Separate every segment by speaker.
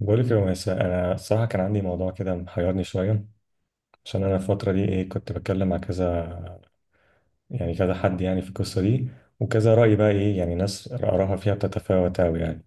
Speaker 1: بقولك يا مس، انا الصراحه كان عندي موضوع كده محيرني شويه. عشان انا الفتره دي ايه كنت بتكلم مع كذا، يعني كذا حد يعني في القصه دي، وكذا راي بقى ايه يعني ناس اراها فيها بتتفاوت قوي يعني.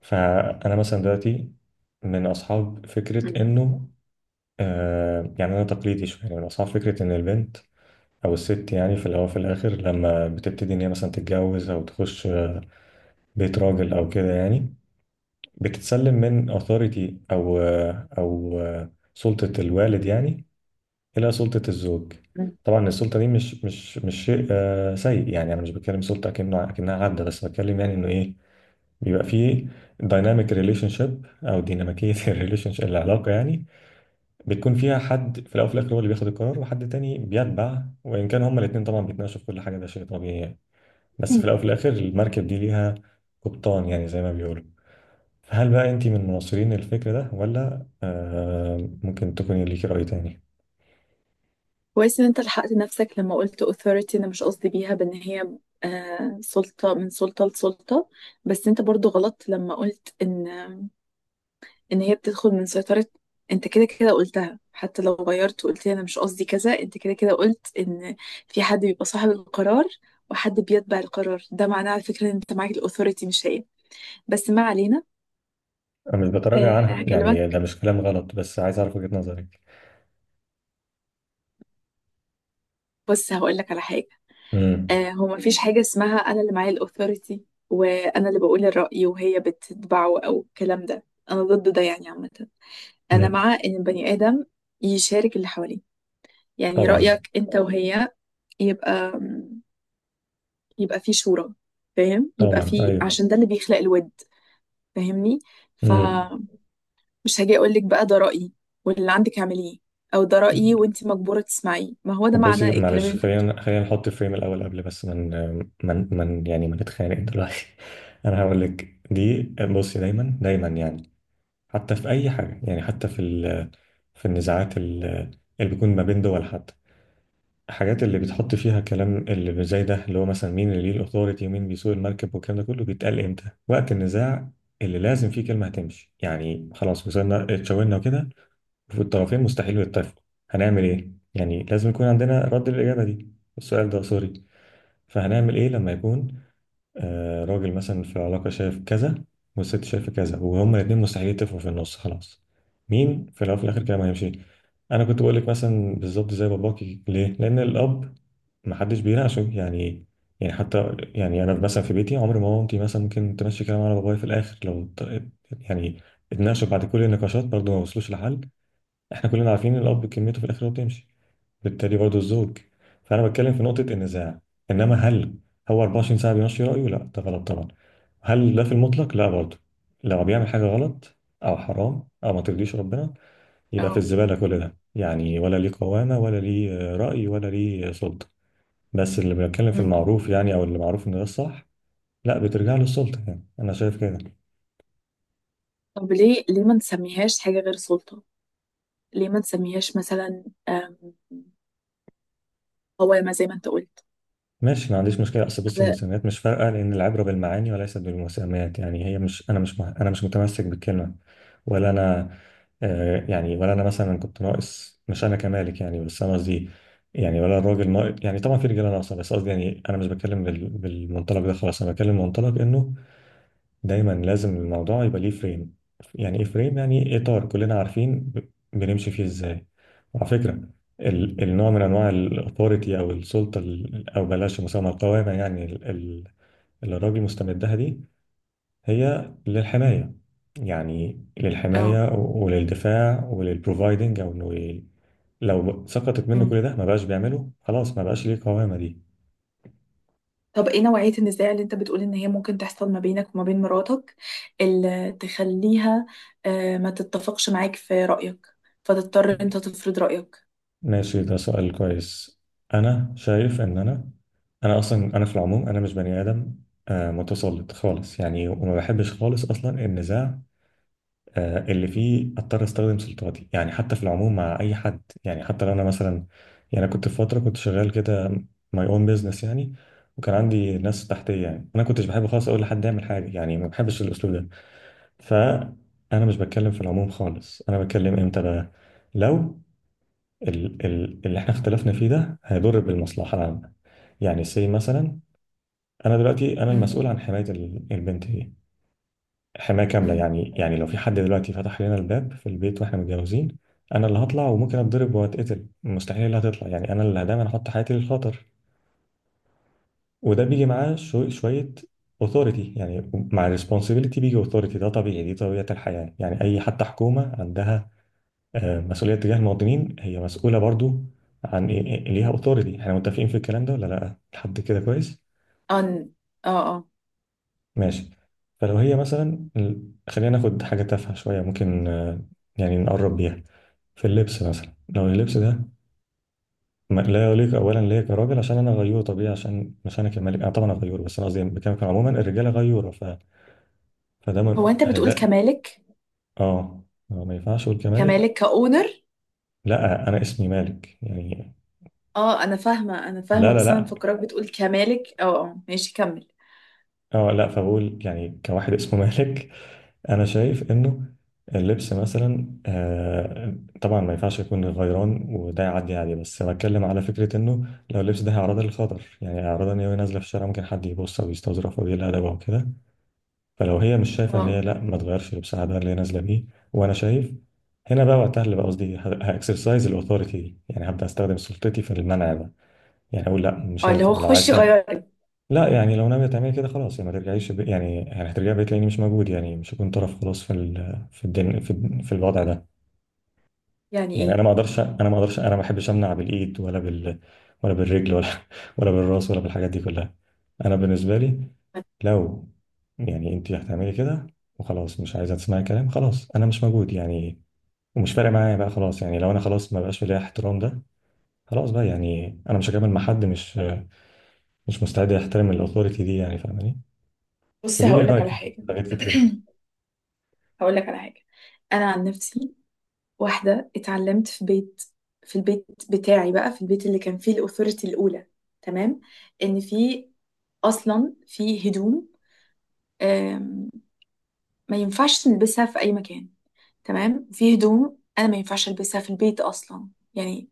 Speaker 1: فانا مثلا دلوقتي من اصحاب
Speaker 2: مم.
Speaker 1: فكره انه، آه يعني انا تقليدي شويه، يعني من اصحاب فكره ان البنت او الست يعني في الاول في الاخر لما بتبتدي ان هي مثلا تتجوز او تخش بيت راجل او كده يعني بتتسلم من authority او سلطة الوالد، يعني إلى سلطة الزوج. طبعا السلطة دي مش شيء سيء يعني، أنا مش بتكلم سلطة أكنه أكنها عبدة، بس بتكلم يعني إنه إيه بيبقى فيه دايناميك ريليشن شيب أو ديناميكية الريليشن شيب، العلاقة يعني بتكون فيها حد في الأول وفي الآخر هو اللي بياخد القرار وحد تاني بيتبع، وإن كان هما الاتنين طبعا بيتناقشوا في كل حاجة، ده شيء طبيعي يعني. بس في
Speaker 2: مم.
Speaker 1: الأول وفي الآخر المركب دي ليها قبطان، يعني زي ما بيقولوا. فهل بقى أنت من مناصرين الفكر ده، ولا آه ممكن تكوني ليكي رأي تاني؟
Speaker 2: كويس ان انت لحقت نفسك لما قلت authority، انا مش قصدي بيها بان هي سلطة، من سلطة لسلطة. بس انت برضو غلط لما قلت ان هي بتدخل من سيطرة. انت كده كده قلتها، حتى لو غيرت وقلت لي انا مش قصدي كذا، انت كده كده قلت ان في حد بيبقى صاحب القرار وحد بيتبع القرار، ده معناه على فكرة ان انت معاك الاوثوريتي مش هي. بس ما علينا.
Speaker 1: أنا مش
Speaker 2: آه،
Speaker 1: بتراجع عنها، يعني ده
Speaker 2: هكلمك.
Speaker 1: مش كلام غلط، بس عايز أعرف وجهة نظرك.
Speaker 2: بص، هقول لك على حاجة.
Speaker 1: امم.
Speaker 2: هو مفيش حاجة اسمها أنا اللي معايا الأوثوريتي وأنا اللي بقول الرأي وهي بتتبعه أو الكلام ده. أنا ضد ده يعني عامة. أنا
Speaker 1: امم.
Speaker 2: مع إن البني آدم يشارك اللي حواليه، يعني
Speaker 1: طبعا.
Speaker 2: رأيك أنت وهي. يبقى يبقى في شورى. فاهم؟ يبقى
Speaker 1: طبعا
Speaker 2: في،
Speaker 1: أيوه.
Speaker 2: عشان ده اللي بيخلق الود. فاهمني؟
Speaker 1: امم.
Speaker 2: فمش هاجي أقولك بقى ده رأيي واللي عندك اعمليه، أو ده رأيي وأنت مجبورة تسمعيه، ما هو ده
Speaker 1: طب
Speaker 2: معنى
Speaker 1: بصي
Speaker 2: الكلام
Speaker 1: معلش،
Speaker 2: اللي أنت بتقوله.
Speaker 1: خلينا نحط فريم الأول قبل، بس من يعني ما نتخانق دلوقتي. أنا هقول لك دي، بصي دايما يعني حتى في أي حاجة، يعني حتى في في النزاعات اللي بيكون ما بين دول، حتى الحاجات اللي بتحط فيها كلام اللي زي ده، اللي هو مثلا مين اللي ليه الاوثوريتي ومين بيسوق المركب والكلام ده كله، بيتقال امتى؟ وقت النزاع اللي لازم فيه كلمه هتمشي، يعني خلاص وصلنا اتشاورنا وكده وفي الطرفين مستحيل يتفقوا، هنعمل ايه؟ يعني لازم يكون عندنا رد الاجابه دي، السؤال ده سوري. فهنعمل ايه لما يكون راجل مثلا في علاقة شايف كذا والست شايفة كذا وهما الاتنين مستحيل يتفقوا في النص خلاص، مين في الأول وفي الآخر؟ كده ما هيمشي. أنا كنت بقول لك مثلا بالظبط زي باباكي، ليه؟ لأن الأب محدش بيناقشه يعني. يعني حتى يعني أنا مثلا في بيتي عمري ما مامتي مثلا ممكن تمشي كلام على بابايا، في الآخر لو يعني اتناقشوا بعد كل النقاشات برضه ما وصلوش لحل، احنا كلنا عارفين الأب كلمته في الآخر هو بتمشي، بالتالي برضه الزوج. فانا بتكلم في نقطه النزاع، انما هل هو 24 ساعه بيمشي رايه؟ لا ده غلط طبعا. هل ده في المطلق؟ لا برضه، لو بيعمل حاجه غلط او حرام او ما ترضيش ربنا يبقى في
Speaker 2: أه.
Speaker 1: الزباله كل ده، يعني ولا ليه قوامه ولا ليه راي ولا ليه سلطه. بس اللي بيتكلم في
Speaker 2: أمم.
Speaker 1: المعروف يعني، او اللي معروف ان ده الصح، لا بترجع له السلطه يعني، انا شايف كده.
Speaker 2: طب ليه ما نسميهاش حاجة غير سلطة؟ ليه ما نسميهاش مثلا قوامة زي ما انت قلت؟
Speaker 1: ماشي، ما عنديش مشكلة، أصل بصي
Speaker 2: على.
Speaker 1: المسميات مش فارقة، لأن العبرة بالمعاني وليست بالمسميات. يعني هي مش، أنا مش أنا مش متمسك بالكلمة ولا أنا، آه يعني ولا أنا مثلا كنت ناقص، مش أنا كمالك يعني، بس أنا قصدي يعني ولا الراجل ناقص يعني، طبعا في رجالة ناقصة، بس قصدي يعني أنا مش بتكلم بالمنطلق ده خالص، أنا بتكلم منطلق إنه دايما لازم الموضوع يبقى ليه فريم. يعني ايه فريم؟ يعني إيه اطار كلنا عارفين بنمشي فيه ازاي. وعلى فكره النوع من انواع الاثوريتي او السلطه او بلاش مسمى القوامه يعني اللي الراجل مستمدها دي هي للحمايه، يعني
Speaker 2: اه.
Speaker 1: للحمايه وللدفاع وللبروفايدنج او انه لو سقطت منه
Speaker 2: مم.
Speaker 1: كل ده ما بقاش بيعمله خلاص، ما بقاش ليه قوامه دي.
Speaker 2: طب ايه نوعية النزاع اللي انت بتقول ان هي ممكن تحصل ما بينك وما بين مراتك، اللي تخليها ما تتفقش معاك في رأيك، فتضطر انت تفرض رأيك؟
Speaker 1: ماشي، ده سؤال كويس. انا شايف ان انا اصلا انا في العموم انا مش بني ادم متسلط خالص يعني، وما بحبش خالص اصلا النزاع اللي فيه اضطر استخدم سلطاتي، يعني حتى في العموم مع اي حد، يعني حتى لو انا مثلا يعني أنا كنت في فتره كنت شغال كده ماي اون بيزنس يعني، وكان عندي ناس تحتيه، يعني انا كنتش بحب خالص اقول لحد يعمل حاجه، يعني ما بحبش الاسلوب ده. فانا مش بتكلم في العموم خالص، انا بتكلم امتى بقى؟ لو اللي احنا اختلفنا فيه ده هيضر بالمصلحة العامة، يعني سي مثلا، انا دلوقتي انا المسؤول
Speaker 2: مم.
Speaker 1: عن حماية البنت دي حماية كاملة،
Speaker 2: مم.
Speaker 1: يعني يعني لو في حد دلوقتي فتح لنا الباب في البيت واحنا متجوزين، انا اللي هطلع وممكن اتضرب واتقتل، مستحيل اللي هتطلع يعني، انا اللي دايما احط حياتي للخطر. وده بيجي معاه شوية authority، يعني مع responsibility بيجي authority، ده طبيعي، دي طبيعة الحياة يعني. اي حتى حكومة عندها مسؤولية تجاه المواطنين، هي مسؤولة برضو عن إيه ليها أوثوريتي، احنا متفقين في الكلام ده ولا لأ؟ لحد كده كويس؟
Speaker 2: أن... اه، اه.
Speaker 1: ماشي. فلو هي مثلا خلينا ناخد حاجة تافهة شوية ممكن يعني نقرب بيها، في اللبس مثلا، لو اللبس ده لا يليق أولا ليا كراجل عشان أنا غيور طبيعي، عشان مش أنا كمالك أنا طبعا غيور، بس أنا قصدي بكلمك عموما الرجالة غيورة، ف... فده
Speaker 2: هو انت بتقول
Speaker 1: هيدا.
Speaker 2: كمالك؟
Speaker 1: آه. ما ينفعش أقول كمالك،
Speaker 2: كمالك، كأونر؟
Speaker 1: لا أنا اسمي مالك يعني.
Speaker 2: اه، انا فاهمة انا فاهمة، بس انا
Speaker 1: لا،
Speaker 2: مفكراك بتقول كمالك. اه، اه، ماشي، كمل.
Speaker 1: اه لا فبقول يعني كواحد اسمه مالك. انا شايف انه اللبس مثلا آه، طبعا ما ينفعش يكون غيران وده يعدي عادي، بس بتكلم على فكره انه لو اللبس ده هيعرضها للخطر، يعني هيعرضها ان هي وهي نازله في الشارع ممكن حد يبص او يستظرف او يقل ادبها وكده، فلو هي مش شايفه ان
Speaker 2: اه
Speaker 1: هي لا، ما تغيرش لبسها ده اللي هي نازله بيه، وانا شايف هنا بقى وقتها اللي بقى قصدي هاكسرسايز الاوثوريتي دي، يعني هبدا استخدم سلطتي في المنع ده، يعني اقول لا مش
Speaker 2: اه، اللي
Speaker 1: هينفع
Speaker 2: هو
Speaker 1: لو عايز
Speaker 2: خشي
Speaker 1: تعمل،
Speaker 2: غيري.
Speaker 1: لا يعني لو ناوية تعملي كده خلاص يعني ما ترجعيش ب... يعني يعني هترجعي بقيت لاني مش موجود، يعني مش هكون طرف خلاص في ال... في الدن... في، في الوضع ده.
Speaker 2: يعني
Speaker 1: يعني
Speaker 2: ايه؟
Speaker 1: انا ما اقدرش، انا ما بحبش امنع بالايد ولا بال، ولا بالرجل ولا ولا بالراس ولا بالحاجات دي كلها. انا بالنسبة لي لو يعني انت هتعملي كده وخلاص مش عايزه تسمعي كلام، خلاص انا مش موجود يعني، ومش فارق معايا بقى خلاص، يعني لو انا خلاص ما بقاش في ليا احترام ده، خلاص بقى يعني انا مش هكمل مع حد مش مستعد يحترم الاوثوريتي دي، يعني فاهماني؟
Speaker 2: بصي،
Speaker 1: قولي لي
Speaker 2: هقول لك
Speaker 1: رايك
Speaker 2: على
Speaker 1: في
Speaker 2: حاجة.
Speaker 1: حاجات كتير. طيب.
Speaker 2: هقول لك على حاجة. أنا عن نفسي، واحدة اتعلمت في البيت بتاعي، بقى في البيت اللي كان فيه الأوثوريتي الأولى، تمام. إن في، أصلا في هدوم آم، ما ينفعش نلبسها في أي مكان. تمام، في هدوم أنا ما ينفعش ألبسها في البيت أصلا. يعني،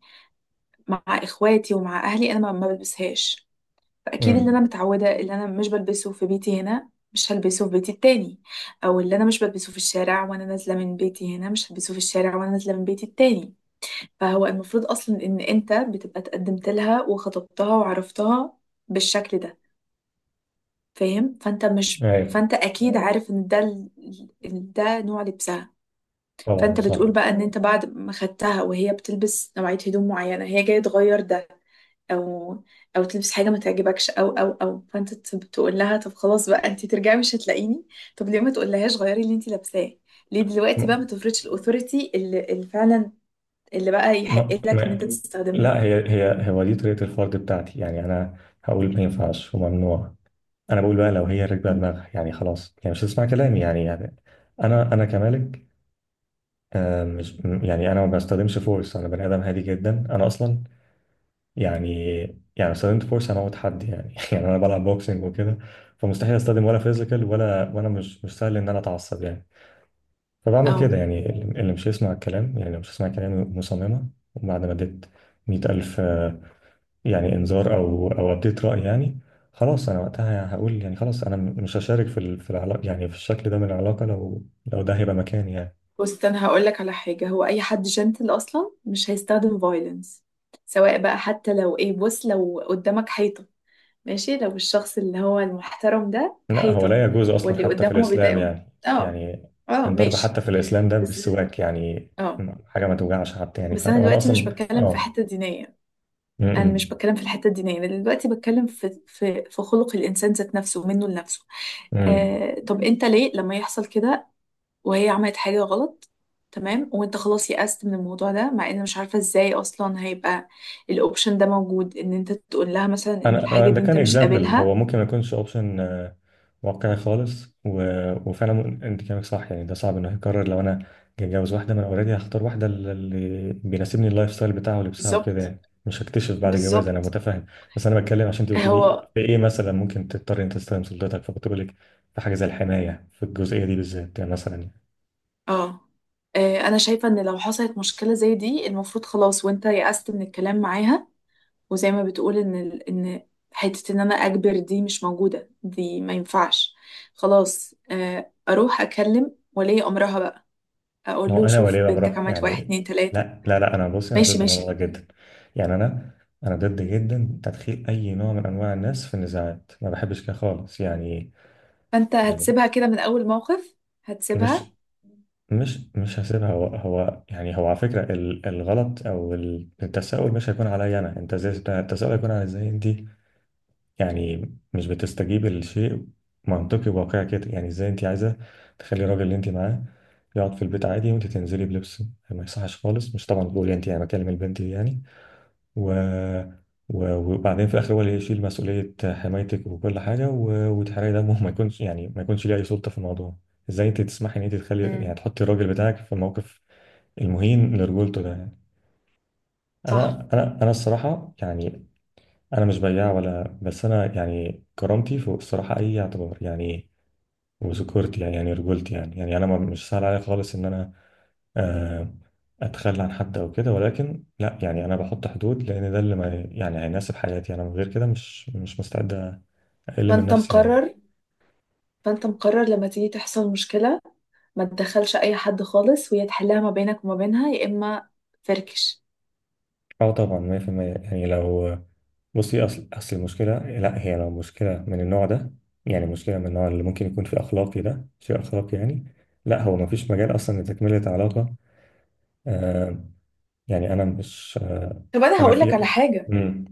Speaker 2: مع إخواتي ومع أهلي أنا ما بلبسهاش. فاكيد اللي انا
Speaker 1: امم.
Speaker 2: متعوده، اللي انا مش بلبسه في بيتي هنا مش هلبسه في بيتي التاني. او اللي انا مش بلبسه في الشارع وانا نازله من بيتي هنا مش هلبسه في الشارع وانا نازله من بيتي التاني. فهو المفروض اصلا ان انت بتبقى اتقدمت لها وخطبتها وعرفتها بالشكل ده. فاهم؟ فانت مش
Speaker 1: ايوه.
Speaker 2: فانت اكيد عارف ان ده ده نوع لبسها.
Speaker 1: طبعا
Speaker 2: فانت بتقول
Speaker 1: صح.
Speaker 2: بقى ان انت بعد ما خدتها وهي بتلبس نوعيه هدوم معينه، هي جايه تغير ده او او تلبس حاجه ما تعجبكش، او فانت تقول لها طب خلاص بقى انت ترجعي مش هتلاقيني. طب ليه ما تقولهاش غيري اللي انت لابساه؟ ليه
Speaker 1: ما
Speaker 2: دلوقتي بقى ما تفرضش الاوثوريتي اللي فعلا اللي بقى يحق لك ان انت
Speaker 1: ما
Speaker 2: تستخدمها؟
Speaker 1: لا، هي هي هو دي طريقه الفرد بتاعتي يعني، انا هقول ما ينفعش وممنوع، انا بقول بقى لو هي راكبه دماغها يعني خلاص، يعني مش هتسمع كلامي، يعني انا انا كمالك، آه مش يعني انا ما بستخدمش فورس، انا بني ادم هادي جدا انا اصلا يعني، يعني استخدمت فورس انا موت حد يعني يعني انا بلعب بوكسنج وكده فمستحيل استخدم ولا فيزيكال ولا، وانا مش سهل ان انا اتعصب يعني. فبعمل
Speaker 2: اه.
Speaker 1: كده يعني اللي مش يسمع الكلام، يعني لو مش يسمع كلامي مصممة، وبعد ما اديت مية ألف يعني إنذار أو أديت رأي يعني، خلاص أنا وقتها هقول يعني خلاص أنا مش هشارك في في العلاقة يعني، في الشكل ده من العلاقة، لو ده هيبقى مكاني يعني.
Speaker 2: بص انا هقول لك على حاجه، هو اي حد جنتل اصلا مش هيستخدم فايلنس، سواء بقى، حتى لو ايه، بص لو قدامك حيطه، ماشي، لو الشخص اللي هو المحترم ده
Speaker 1: لا هو
Speaker 2: حيطه
Speaker 1: لا يجوز أصلا
Speaker 2: واللي
Speaker 1: حتى في
Speaker 2: قدامه
Speaker 1: الإسلام
Speaker 2: بيضايقه.
Speaker 1: يعني.
Speaker 2: اه.
Speaker 1: يعني
Speaker 2: اه،
Speaker 1: الضرب
Speaker 2: ماشي.
Speaker 1: حتى في الإسلام ده
Speaker 2: بس.
Speaker 1: بالسواك يعني،
Speaker 2: اه.
Speaker 1: حاجة ما توجعش حتى يعني، ف...
Speaker 2: بس انا
Speaker 1: وأنا
Speaker 2: دلوقتي مش
Speaker 1: أصلا
Speaker 2: بتكلم في
Speaker 1: آه.
Speaker 2: حته دينيه. انا مش
Speaker 1: م-
Speaker 2: بتكلم في الحته الدينيه، انا دلوقتي بتكلم في خلق الانسان ذات نفسه منه لنفسه.
Speaker 1: م- م.
Speaker 2: آه، طب انت ليه لما يحصل كده وهي عملت حاجه غلط، تمام، وانت خلاص يأست من الموضوع ده، مع ان مش عارفه ازاي اصلا هيبقى الاوبشن ده موجود، ان انت تقول لها مثلا ان
Speaker 1: انا
Speaker 2: الحاجه
Speaker 1: ده
Speaker 2: دي انت
Speaker 1: كان
Speaker 2: مش
Speaker 1: اكزامبل، هو
Speaker 2: قابلها؟
Speaker 1: ممكن ما يكونش اوبشن واقعي خالص، و... وفعلا انت كلامك صح يعني، ده صعب انه يتكرر لو انا جاي اتجوز واحده، ما انا اوريدي هختار واحده اللي بيناسبني اللايف ستايل بتاعها ولبسها وكده،
Speaker 2: بالظبط،
Speaker 1: يعني مش هكتشف بعد الجواز، انا
Speaker 2: بالظبط.
Speaker 1: متفاهم. بس انا بتكلم عشان انت قلت لي
Speaker 2: هو
Speaker 1: في ايه مثلا ممكن تضطر انت تستخدم سلطتك، فكنت بقول لك في حاجه زي الحمايه في الجزئيه دي بالذات يعني مثلا.
Speaker 2: اه. انا شايفه ان لو حصلت مشكله زي دي المفروض خلاص وانت يأست من الكلام معاها. وزي ما بتقول ان ان حته ان انا اجبر دي مش موجوده، دي ما ينفعش. خلاص اروح اكلم ولي امرها بقى،
Speaker 1: ما
Speaker 2: اقول
Speaker 1: هو
Speaker 2: له
Speaker 1: انا
Speaker 2: شوف
Speaker 1: وليه بقى مراه
Speaker 2: بنتك عملت واحد
Speaker 1: يعني،
Speaker 2: اتنين تلاته.
Speaker 1: لا، انا بصي انا ضد
Speaker 2: ماشي،
Speaker 1: الموضوع ده
Speaker 2: ماشي.
Speaker 1: جدا يعني، انا ضد جدا تدخيل اي نوع من انواع الناس في النزاعات، ما بحبش كده خالص يعني.
Speaker 2: فانت
Speaker 1: يعني
Speaker 2: هتسيبها كده من اول موقف؟ هتسيبها؟
Speaker 1: مش مش هسيبها، هو هو يعني هو على فكره الغلط او التساؤل مش هيكون عليا انا، انت ازاي، التساؤل هيكون على ازاي انت يعني مش بتستجيب لشيء منطقي وواقعي كده، يعني ازاي انت عايزه تخلي الراجل اللي انت معاه يقعد في البيت عادي وانت تنزلي بلبس ما يصحش خالص، مش طبعا بقول انت، يعني بكلم البنت دي يعني، و... و... وبعدين في الاخر هو اللي يشيل مسؤوليه حمايتك وكل حاجه و... وتحرقي دمه، ما يكونش يعني ما يكونش ليه اي سلطه في الموضوع؟ ازاي انت تسمحي ان انت تخلي يعني
Speaker 2: امم.
Speaker 1: تحطي الراجل بتاعك في الموقف المهين لرجولته ده يعني؟
Speaker 2: صح.
Speaker 1: انا الصراحه يعني، انا مش بياع ولا، بس انا يعني كرامتي فوق الصراحه اي اعتبار يعني، وذكورتي يعني يعني رجولتي يعني، يعني انا مش سهل عليا خالص ان انا آه، اتخلى عن حد او كده، ولكن لا يعني، انا بحط حدود لان ده اللي ما يعني هيناسب حياتي انا، من غير كده مش مستعد اقل من
Speaker 2: فانت
Speaker 1: نفسي يعني.
Speaker 2: مقرر فانت مقرر لما تيجي تحصل مشكله، ما تدخلش اي حد خالص وهي تحلها ما بينك وما بينها، يا اما فركش.
Speaker 1: اه طبعا 100% يعني، لو بصي اصل المشكله، لا هي لو مشكله من النوع ده، يعني مشكله من النوع اللي ممكن يكون في اخلاقي، ده شيء اخلاقي يعني، لا هو ما فيش مجال اصلا لتكمله علاقه، آه، يعني انا مش
Speaker 2: طب انا
Speaker 1: انا
Speaker 2: هقول لك على
Speaker 1: في.
Speaker 2: حاجه.
Speaker 1: امم.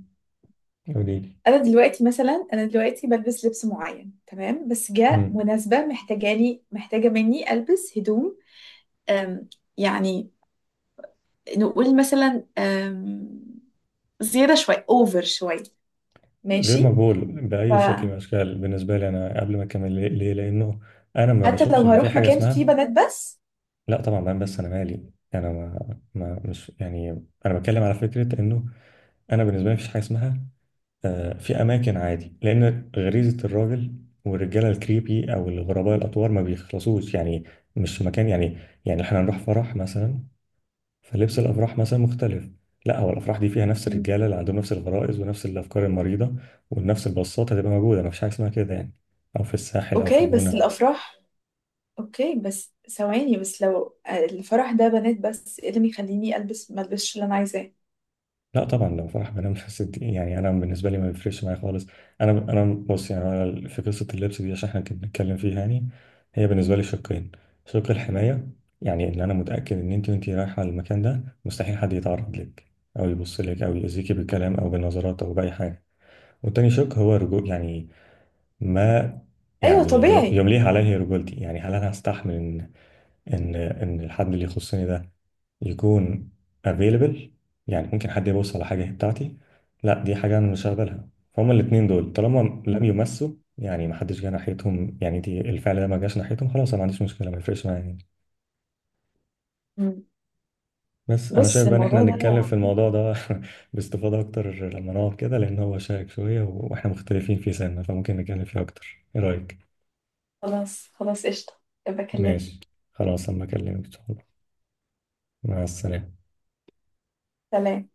Speaker 1: قولي لي.
Speaker 2: انا دلوقتي مثلا، انا دلوقتي بلبس لبس معين، تمام، بس جاء
Speaker 1: امم.
Speaker 2: مناسبة محتاجة مني البس هدوم. أم يعني، نقول مثلا زيادة شوية، اوفر شوية،
Speaker 1: غير
Speaker 2: ماشي.
Speaker 1: مقبول باي شكل من
Speaker 2: فحتى
Speaker 1: الاشكال بالنسبه لي، انا قبل ما اكمل ليه؟ ليه؟ لانه انا ما بشوفش
Speaker 2: لو
Speaker 1: ان في
Speaker 2: هروح
Speaker 1: حاجه
Speaker 2: مكان
Speaker 1: اسمها،
Speaker 2: فيه بنات بس.
Speaker 1: لا طبعا بقى، بس انا مالي انا ما, ما مش يعني، انا بتكلم على فكره انه انا بالنسبه لي مفيش حاجه اسمها في اماكن عادي، لان غريزه الراجل والرجاله الكريبي او الغرباء الاطوار ما بيخلصوش يعني، مش مكان يعني. يعني احنا هنروح فرح مثلا فلبس الافراح مثلا مختلف، لا هو الافراح دي فيها نفس
Speaker 2: مم.
Speaker 1: الرجاله اللي عندهم نفس الغرائز ونفس الافكار المريضه ونفس البساطه هتبقى موجوده، مفيش حاجه اسمها كده يعني، او في الساحل او في
Speaker 2: اوكي بس
Speaker 1: الجونه.
Speaker 2: الافراح اوكي بس ثواني، بس لو الفرح ده بنات بس، ايه اللي يخليني البس ما البسش اللي انا عايزاه؟
Speaker 1: لا طبعا لو فرح بنام بس دي، يعني انا بالنسبه لي ما بيفرقش معايا خالص. انا بص يعني، أنا في قصه اللبس دي عشان احنا كنا بنتكلم فيها يعني، هي بالنسبه لي شقين: شق الحمايه، يعني ان انا متاكد ان انت وانت رايحه المكان ده مستحيل حد يتعرض لك او يبص لك او يأذيكي بالكلام او بالنظرات او باي حاجه، والتاني شق هو رجوع يعني، ما
Speaker 2: ايوه
Speaker 1: يعني
Speaker 2: طبيعي.
Speaker 1: يمليه عليه رجولتي، يعني هل انا هستحمل ان ان الحد اللي يخصني ده يكون available، يعني ممكن حد يبص على حاجه هي بتاعتي، لا دي حاجه انا مش هقبلها. فهم الاثنين دول طالما لم يمسوا، يعني ما حدش جه ناحيتهم، يعني دي الفعل ده ما جاش ناحيتهم خلاص، انا ما عنديش مشكله، ما يفرقش معايا يعني.
Speaker 2: مم.
Speaker 1: بس انا
Speaker 2: بص،
Speaker 1: شايف بقى ان احنا
Speaker 2: الموضوع ده.
Speaker 1: نتكلم في الموضوع ده باستفاضه اكتر لما نقعد كده، لان هو شائك شويه واحنا مختلفين في سنه، فممكن نتكلم فيه اكتر، ايه رايك؟
Speaker 2: خلاص، خلاص، قشطة. بكلمك.
Speaker 1: ماشي. خلاص أما أكلمك إن شاء الله. مع السلامة.
Speaker 2: سلام.